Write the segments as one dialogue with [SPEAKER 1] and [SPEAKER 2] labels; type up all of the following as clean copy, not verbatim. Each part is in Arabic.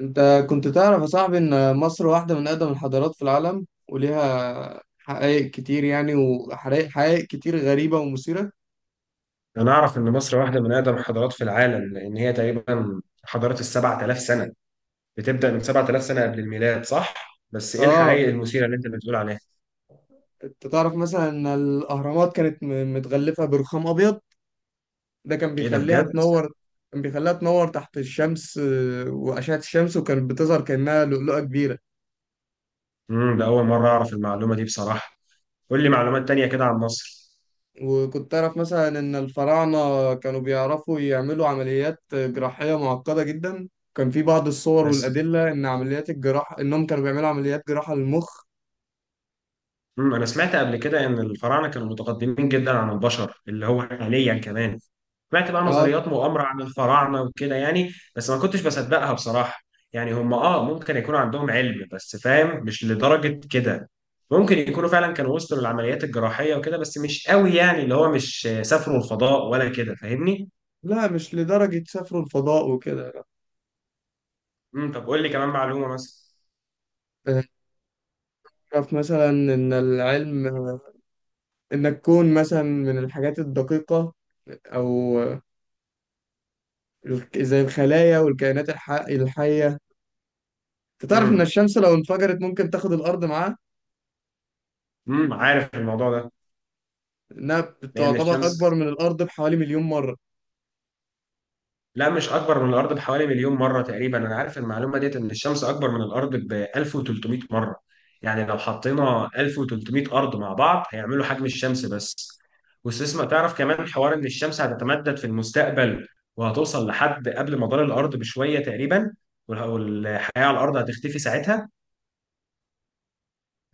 [SPEAKER 1] انت كنت تعرف يا صاحبي ان مصر واحدة من اقدم الحضارات في العالم وليها حقائق كتير، يعني وحقائق كتير غريبة ومثيرة.
[SPEAKER 2] أنا أعرف إن مصر واحدة من أقدم الحضارات في العالم لأن هي تقريبا حضارة السبعة آلاف سنة بتبدأ من سبعة آلاف سنة قبل الميلاد، صح؟ بس إيه
[SPEAKER 1] اه،
[SPEAKER 2] الحقائق المثيرة اللي أنت بتقول عليها؟
[SPEAKER 1] انت تعرف مثلا ان الاهرامات كانت متغلفة برخام ابيض. ده كان
[SPEAKER 2] إيه ده
[SPEAKER 1] بيخليها
[SPEAKER 2] بجد؟
[SPEAKER 1] تنور. كان بيخليها تنور تحت الشمس، واشعة الشمس وكانت بتظهر كأنها لؤلؤة كبيرة.
[SPEAKER 2] ده أول مرة أعرف المعلومة دي بصراحة. قول لي معلومات تانية كده عن مصر.
[SPEAKER 1] وكنت أعرف مثلا إن الفراعنة كانوا بيعرفوا يعملوا عمليات جراحية معقدة جدا. كان في بعض الصور
[SPEAKER 2] بس
[SPEAKER 1] والأدلة إن عمليات الجراحة إنهم كانوا بيعملوا عمليات جراحة للمخ.
[SPEAKER 2] انا سمعت قبل كده ان الفراعنه كانوا متقدمين جدا عن البشر اللي هو حاليا كمان. سمعت بقى
[SPEAKER 1] آه،
[SPEAKER 2] نظريات مؤامره عن الفراعنه وكده يعني، بس ما كنتش بصدقها بصراحه. يعني هم ممكن يكون عندهم علم بس فاهم، مش لدرجه كده. ممكن يكونوا فعلا كانوا وصلوا للعمليات الجراحيه وكده، بس مش قوي، يعني اللي هو مش سافروا الفضاء ولا كده، فاهمني.
[SPEAKER 1] لا مش لدرجة سافروا الفضاء وكده.
[SPEAKER 2] طب قول لي كمان معلومه مثلا.
[SPEAKER 1] لا. أعرف مثلا إن العلم، إن الكون مثلا من الحاجات الدقيقة، أو زي الخلايا والكائنات الحية. أنت تعرف إن
[SPEAKER 2] امم
[SPEAKER 1] الشمس لو انفجرت ممكن تاخد الأرض معاها؟
[SPEAKER 2] عارف الموضوع ده.
[SPEAKER 1] إنها
[SPEAKER 2] لان
[SPEAKER 1] بتعتبر
[SPEAKER 2] الشمس
[SPEAKER 1] أكبر من الأرض بحوالي مليون مرة.
[SPEAKER 2] لا، مش اكبر من الارض بحوالي مليون مره. تقريبا انا عارف المعلومه ديت، ان الشمس اكبر من الارض ب 1300 مره. يعني لو حطينا 1300 ارض مع بعض هيعملوا حجم الشمس بس. واستسمع، تعرف كمان حوار ان الشمس هتتمدد في المستقبل، وهتوصل لحد قبل مدار الارض بشويه تقريبا، والحياه على الارض هتختفي ساعتها.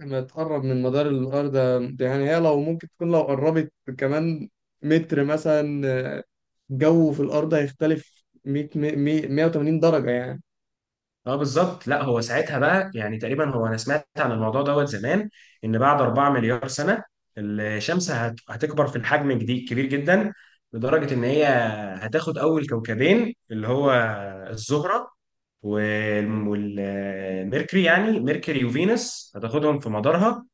[SPEAKER 1] لما تقرب من مدار الأرض، يعني هي لو ممكن تكون لو قربت كمان متر مثلا، آه، الجو في الأرض هيختلف 100 100 180 درجة يعني.
[SPEAKER 2] اه بالظبط. لا هو ساعتها بقى، يعني تقريبا هو انا سمعت عن الموضوع دوت زمان، ان بعد 4 مليار سنه الشمس هتكبر في الحجم جديد كبير جدا، لدرجه ان هي هتاخد اول كوكبين، اللي هو الزهره والميركوري، يعني ميركوري وفينوس هتاخدهم في مدارها،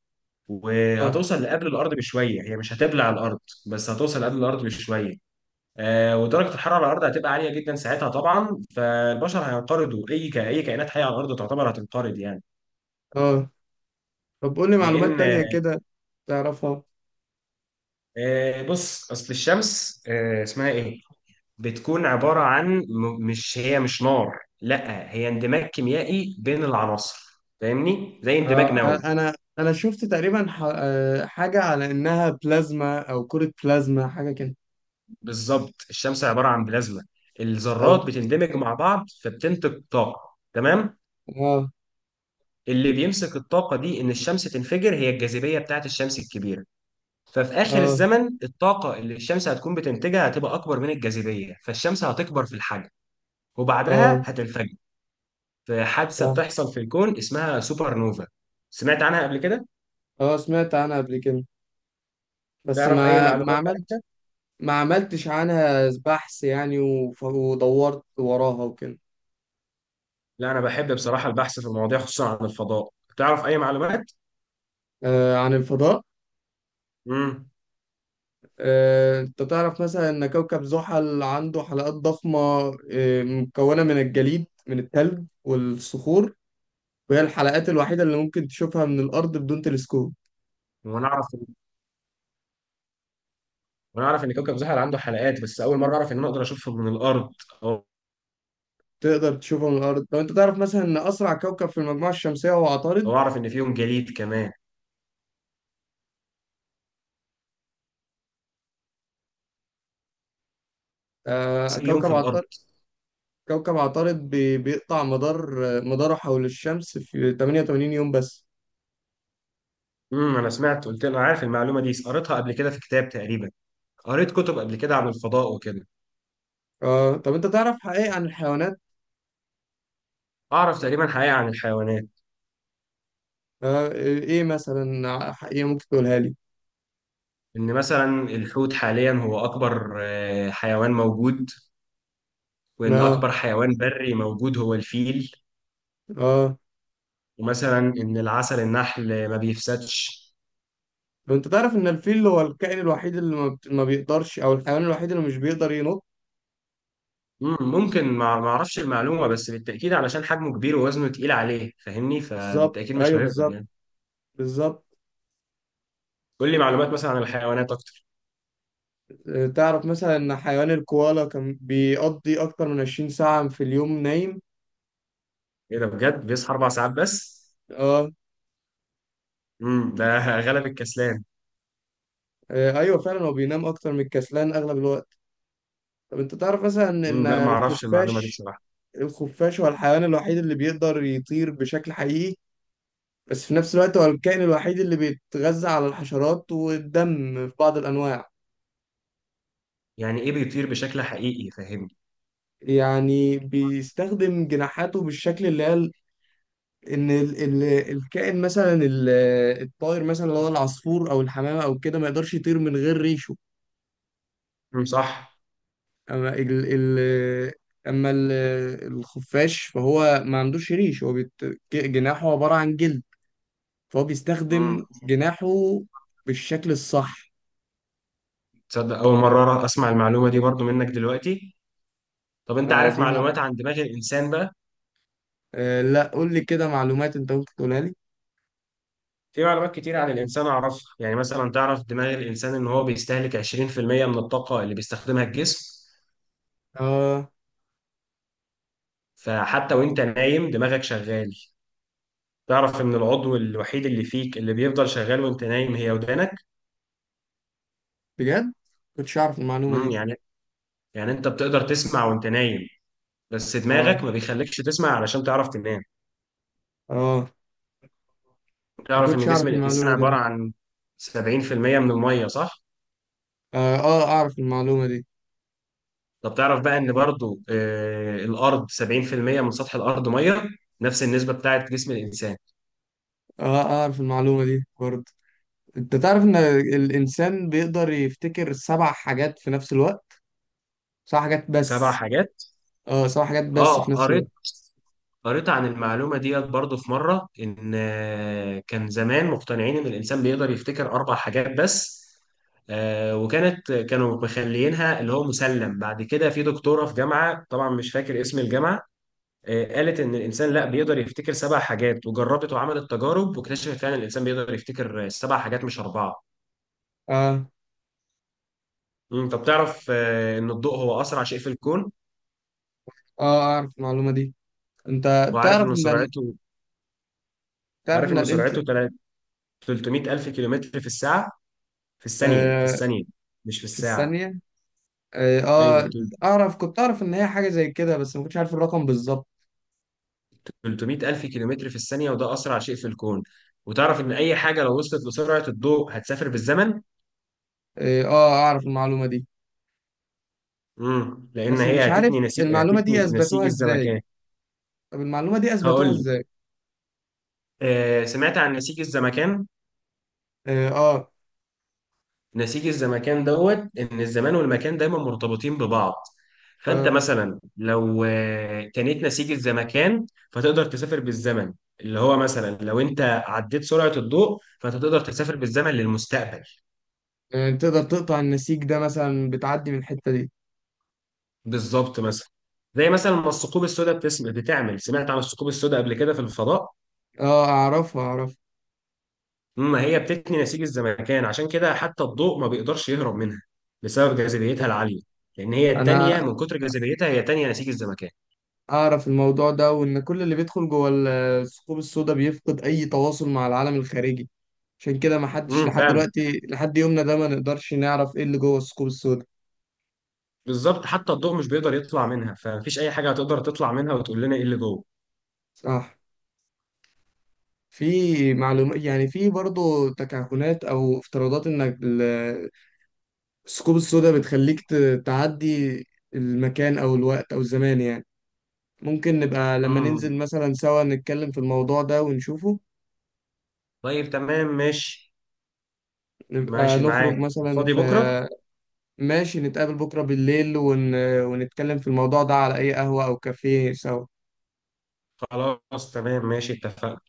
[SPEAKER 1] اه.
[SPEAKER 2] وهتوصل لقبل الارض بشويه. هي مش هتبلع الارض، بس هتوصل قبل الارض بشويه. ودرجه الحراره على الارض هتبقى عاليه جدا ساعتها طبعا، فالبشر هينقرضوا، اي كائنات حيه على الارض تعتبر هتنقرض يعني.
[SPEAKER 1] اه، طب قول لي معلومات
[SPEAKER 2] لان
[SPEAKER 1] تانية كده تعرفها.
[SPEAKER 2] آه، بص، اصل الشمس، اسمها ايه، بتكون عباره عن مش هي مش نار، لا هي اندماج كيميائي بين العناصر، فاهمني، زي اندماج
[SPEAKER 1] آه،
[SPEAKER 2] نووي.
[SPEAKER 1] أنا شفت تقريبا حاجة على إنها بلازما أو كرة بلازما حاجة كده.
[SPEAKER 2] بالظبط، الشمس عباره عن بلازما.
[SPEAKER 1] أو
[SPEAKER 2] الذرات بتندمج مع بعض فبتنتج طاقه، تمام.
[SPEAKER 1] اه.
[SPEAKER 2] اللي بيمسك الطاقه دي ان الشمس تنفجر، هي الجاذبيه بتاعت الشمس الكبيره. ففي آخر
[SPEAKER 1] اه
[SPEAKER 2] الزمن الطاقة اللي الشمس هتكون بتنتجها هتبقى أكبر من الجاذبية، فالشمس هتكبر في الحجم وبعدها
[SPEAKER 1] اه
[SPEAKER 2] هتنفجر، في حادثة
[SPEAKER 1] صح.
[SPEAKER 2] بتحصل في الكون اسمها سوبر نوفا. سمعت عنها قبل كده؟
[SPEAKER 1] اه سمعت عنها قبل كده بس
[SPEAKER 2] تعرف أي معلومات بقى؟
[SPEAKER 1] ما عملتش عنها بحث يعني، ودورت وراها وكده.
[SPEAKER 2] لا، أنا بحب بصراحة البحث في المواضيع، خصوصا عن الفضاء. تعرف أي معلومات؟
[SPEAKER 1] آه، عن الفضاء.
[SPEAKER 2] امم
[SPEAKER 1] آه، انت تعرف مثلا ان كوكب زحل عنده حلقات ضخمة؟ آه، مكونة من الجليد من التلج والصخور. وهي الحلقات الوحيدة اللي ممكن تشوفها من الأرض بدون تلسكوب.
[SPEAKER 2] وأنا أعرف وأنا أعرف إن كوكب زحل عنده حلقات، بس أول مرة أعرف إن أنا أقدر أشوفه من الأرض. أو
[SPEAKER 1] تقدر تشوفها من الأرض. لو انت تعرف مثلا ان أسرع كوكب في المجموعة الشمسية هو عطارد.
[SPEAKER 2] أو أعرف إن فيهم جليد كمان،
[SPEAKER 1] آه،
[SPEAKER 2] بس يوم في
[SPEAKER 1] كوكب
[SPEAKER 2] الأرض.
[SPEAKER 1] عطارد. كوكب عطارد بيقطع مداره حول الشمس في 88 يوم بس.
[SPEAKER 2] أنا سمعت، قلت أنا عارف المعلومة دي، قريتها قبل كده في كتاب تقريبا. قريت كتب قبل كده عن الفضاء وكده.
[SPEAKER 1] آه، طب انت تعرف حقائق عن الحيوانات؟
[SPEAKER 2] أعرف تقريبا حقيقة عن الحيوانات.
[SPEAKER 1] آه، ايه مثلا حقيقة ممكن تقولها لي؟
[SPEAKER 2] إن مثلا الحوت حاليا هو أكبر حيوان موجود، وإن
[SPEAKER 1] ما.
[SPEAKER 2] أكبر حيوان بري موجود هو الفيل،
[SPEAKER 1] اه.
[SPEAKER 2] ومثلا إن العسل النحل ما بيفسدش.
[SPEAKER 1] طب انت تعرف ان الفيل هو الكائن الوحيد اللي ما بيقدرش، او الحيوان الوحيد اللي مش بيقدر ينط.
[SPEAKER 2] ممكن ما أعرفش المعلومة، بس بالتأكيد علشان حجمه كبير ووزنه تقيل عليه، فاهمني،
[SPEAKER 1] بالظبط،
[SPEAKER 2] فبالتأكيد مش
[SPEAKER 1] ايوه
[SPEAKER 2] هيقدر
[SPEAKER 1] بالظبط.
[SPEAKER 2] يعني.
[SPEAKER 1] بالظبط.
[SPEAKER 2] قول لي معلومات مثلا عن الحيوانات أكتر.
[SPEAKER 1] آه، تعرف مثلا ان حيوان الكوالا كان بيقضي اكتر من 20 ساعة في اليوم نايم.
[SPEAKER 2] إيه ده بجد، بيصحى أربع ساعات بس؟
[SPEAKER 1] اه.
[SPEAKER 2] ده غلب الكسلان.
[SPEAKER 1] آه، ايوه فعلا هو بينام اكتر من الكسلان اغلب الوقت. طب انت تعرف مثلا ان
[SPEAKER 2] لا، ما أعرفش المعلومة دي
[SPEAKER 1] الخفاش،
[SPEAKER 2] بصراحة.
[SPEAKER 1] الخفاش هو الحيوان الوحيد اللي بيقدر يطير بشكل حقيقي؟ بس في نفس الوقت هو الكائن الوحيد اللي بيتغذى على الحشرات والدم في بعض الأنواع.
[SPEAKER 2] يعني إيه بيطير بشكل حقيقي، فاهمني.
[SPEAKER 1] يعني بيستخدم جناحاته بالشكل اللي هي إن ال الكائن مثلا الطائر مثلا اللي هو العصفور أو الحمامة أو كده ما يقدرش يطير من غير ريشه.
[SPEAKER 2] صح.
[SPEAKER 1] أما ال ال أما ال الخفاش فهو ما عندوش ريش. هو بيت، جناحه عبارة عن جلد، فهو
[SPEAKER 2] امم
[SPEAKER 1] بيستخدم جناحه بالشكل الصح.
[SPEAKER 2] تصدق اول مره اسمع المعلومه دي برضو منك دلوقتي. طب انت
[SPEAKER 1] آه،
[SPEAKER 2] عارف
[SPEAKER 1] دي مع...
[SPEAKER 2] معلومات عن دماغ الانسان بقى؟
[SPEAKER 1] آه، لا قول لي كده معلومات أنت ممكن تقولها لي.
[SPEAKER 2] في معلومات كتير عن الانسان اعرفها، يعني مثلا تعرف دماغ الانسان ان هو بيستهلك 20% من الطاقه اللي بيستخدمها الجسم،
[SPEAKER 1] اه.
[SPEAKER 2] فحتى وانت نايم دماغك شغال. تعرف ان العضو الوحيد اللي فيك اللي بيفضل شغال وانت نايم هي ودانك.
[SPEAKER 1] بجد كنتش اعرف المعلومه دي.
[SPEAKER 2] يعني، يعني انت بتقدر تسمع وانت نايم، بس
[SPEAKER 1] اه
[SPEAKER 2] دماغك ما بيخليكش تسمع علشان تعرف تنام.
[SPEAKER 1] اه، ما
[SPEAKER 2] تعرف
[SPEAKER 1] كنتش
[SPEAKER 2] ان جسم
[SPEAKER 1] اعرف
[SPEAKER 2] الانسان
[SPEAKER 1] المعلومه دي
[SPEAKER 2] عباره
[SPEAKER 1] لا.
[SPEAKER 2] عن 70% من الميه، صح؟
[SPEAKER 1] اه اه اعرف المعلومه دي.
[SPEAKER 2] طب تعرف بقى ان برضو، الارض 70% من سطح الارض ميه، نفس النسبه بتاعت جسم الانسان.
[SPEAKER 1] اه، آه، اعرف المعلومه دي برضه. انت تعرف ان الانسان بيقدر يفتكر سبع حاجات في نفس الوقت؟ سبع حاجات
[SPEAKER 2] سبع
[SPEAKER 1] بس.
[SPEAKER 2] حاجات.
[SPEAKER 1] اه، سبع حاجات بس
[SPEAKER 2] اه
[SPEAKER 1] في نفس الوقت.
[SPEAKER 2] قريت، قريت عن المعلومه ديت برضو في مره، ان كان زمان مقتنعين ان الانسان بيقدر يفتكر اربع حاجات بس، آه، وكانت كانوا مخليينها اللي هو مسلم بعد كده في دكتوره في جامعه، طبعا مش فاكر اسم الجامعه، قالت ان الانسان لا، بيقدر يفتكر سبع حاجات، وجربت وعملت تجارب واكتشفت فعلا الانسان بيقدر يفتكر سبع حاجات مش اربعه.
[SPEAKER 1] اه.
[SPEAKER 2] طب تعرف ان الضوء هو اسرع شيء في الكون.
[SPEAKER 1] اه اعرف المعلومه دي. انت
[SPEAKER 2] وعارف
[SPEAKER 1] تعرف
[SPEAKER 2] ان
[SPEAKER 1] ان ال...
[SPEAKER 2] سرعته،
[SPEAKER 1] تعرف
[SPEAKER 2] عارف
[SPEAKER 1] ان
[SPEAKER 2] ان
[SPEAKER 1] الانت
[SPEAKER 2] سرعته تلا- 300 الف كيلومتر في الساعه، في الثانيه، في
[SPEAKER 1] آه،
[SPEAKER 2] الثانيه مش في
[SPEAKER 1] في
[SPEAKER 2] الساعه.
[SPEAKER 1] الثانيه. اه،
[SPEAKER 2] ايوه،
[SPEAKER 1] آه، اعرف، كنت اعرف ان هي حاجه زي كده بس ما كنتش عارف الرقم بالظبط.
[SPEAKER 2] 300 الف كيلومتر في الثانيه، وده اسرع شيء في الكون. وتعرف ان اي حاجه لو وصلت لسرعه الضوء هتسافر بالزمن.
[SPEAKER 1] اه، آه، اعرف المعلومه دي.
[SPEAKER 2] لان
[SPEAKER 1] بس مش
[SPEAKER 2] هي
[SPEAKER 1] عارف
[SPEAKER 2] هتتني نسيج
[SPEAKER 1] المعلومة دي
[SPEAKER 2] هتتني نسيج
[SPEAKER 1] أثبتوها إزاي.
[SPEAKER 2] الزمكان.
[SPEAKER 1] طب المعلومة دي أثبتوها
[SPEAKER 2] هقول لك.
[SPEAKER 1] إزاي؟
[SPEAKER 2] سمعت عن نسيج الزمكان.
[SPEAKER 1] آه، آه،
[SPEAKER 2] نسيج الزمكان دوت ان الزمان والمكان دايما مرتبطين ببعض، فانت
[SPEAKER 1] آه،
[SPEAKER 2] مثلا لو تنيت نسيج الزمكان فتقدر تسافر بالزمن، اللي هو مثلا لو انت عديت سرعة الضوء، فانت تقدر تسافر بالزمن للمستقبل.
[SPEAKER 1] آه. تقدر تقطع النسيج ده مثلا بتعدي من الحتة دي.
[SPEAKER 2] بالظبط، مثلا زي مثلا ما الثقوب السوداء بتعمل، سمعت عن الثقوب السوداء قبل كده في الفضاء؟
[SPEAKER 1] آه أعرفها أعرفها.
[SPEAKER 2] ما هي بتتني نسيج الزمكان، عشان كده حتى الضوء ما بيقدرش يهرب منها بسبب جاذبيتها العالية، لان هي التانية
[SPEAKER 1] أنا
[SPEAKER 2] من كتر جاذبيتها، هي تانية نسيج الزمكان.
[SPEAKER 1] أعرف الموضوع ده وإن كل اللي بيدخل جوه الثقوب السوداء بيفقد أي تواصل مع العالم الخارجي. عشان كده ما حدش لحد
[SPEAKER 2] فاهم.
[SPEAKER 1] دلوقتي لحد يومنا ده ما نقدرش نعرف إيه اللي جوه الثقوب السوداء.
[SPEAKER 2] بالظبط، حتى الضوء مش بيقدر يطلع منها، فمفيش اي حاجه هتقدر تطلع منها وتقول لنا ايه اللي جوه.
[SPEAKER 1] صح. في معلومات يعني، في برضه تكهنات أو افتراضات إن الثقوب السوداء بتخليك تعدي المكان أو الوقت أو الزمان يعني. ممكن نبقى لما ننزل
[SPEAKER 2] امم
[SPEAKER 1] مثلا سوا نتكلم في الموضوع ده ونشوفه.
[SPEAKER 2] طيب، تمام ماشي.
[SPEAKER 1] نبقى
[SPEAKER 2] ماشي
[SPEAKER 1] نخرج
[SPEAKER 2] معاك.
[SPEAKER 1] مثلا
[SPEAKER 2] فاضي بكره.
[SPEAKER 1] فماشي. نتقابل بكرة بالليل ونتكلم في الموضوع ده على أي قهوة أو كافيه سوا
[SPEAKER 2] خلاص تمام ماشي، اتفقنا.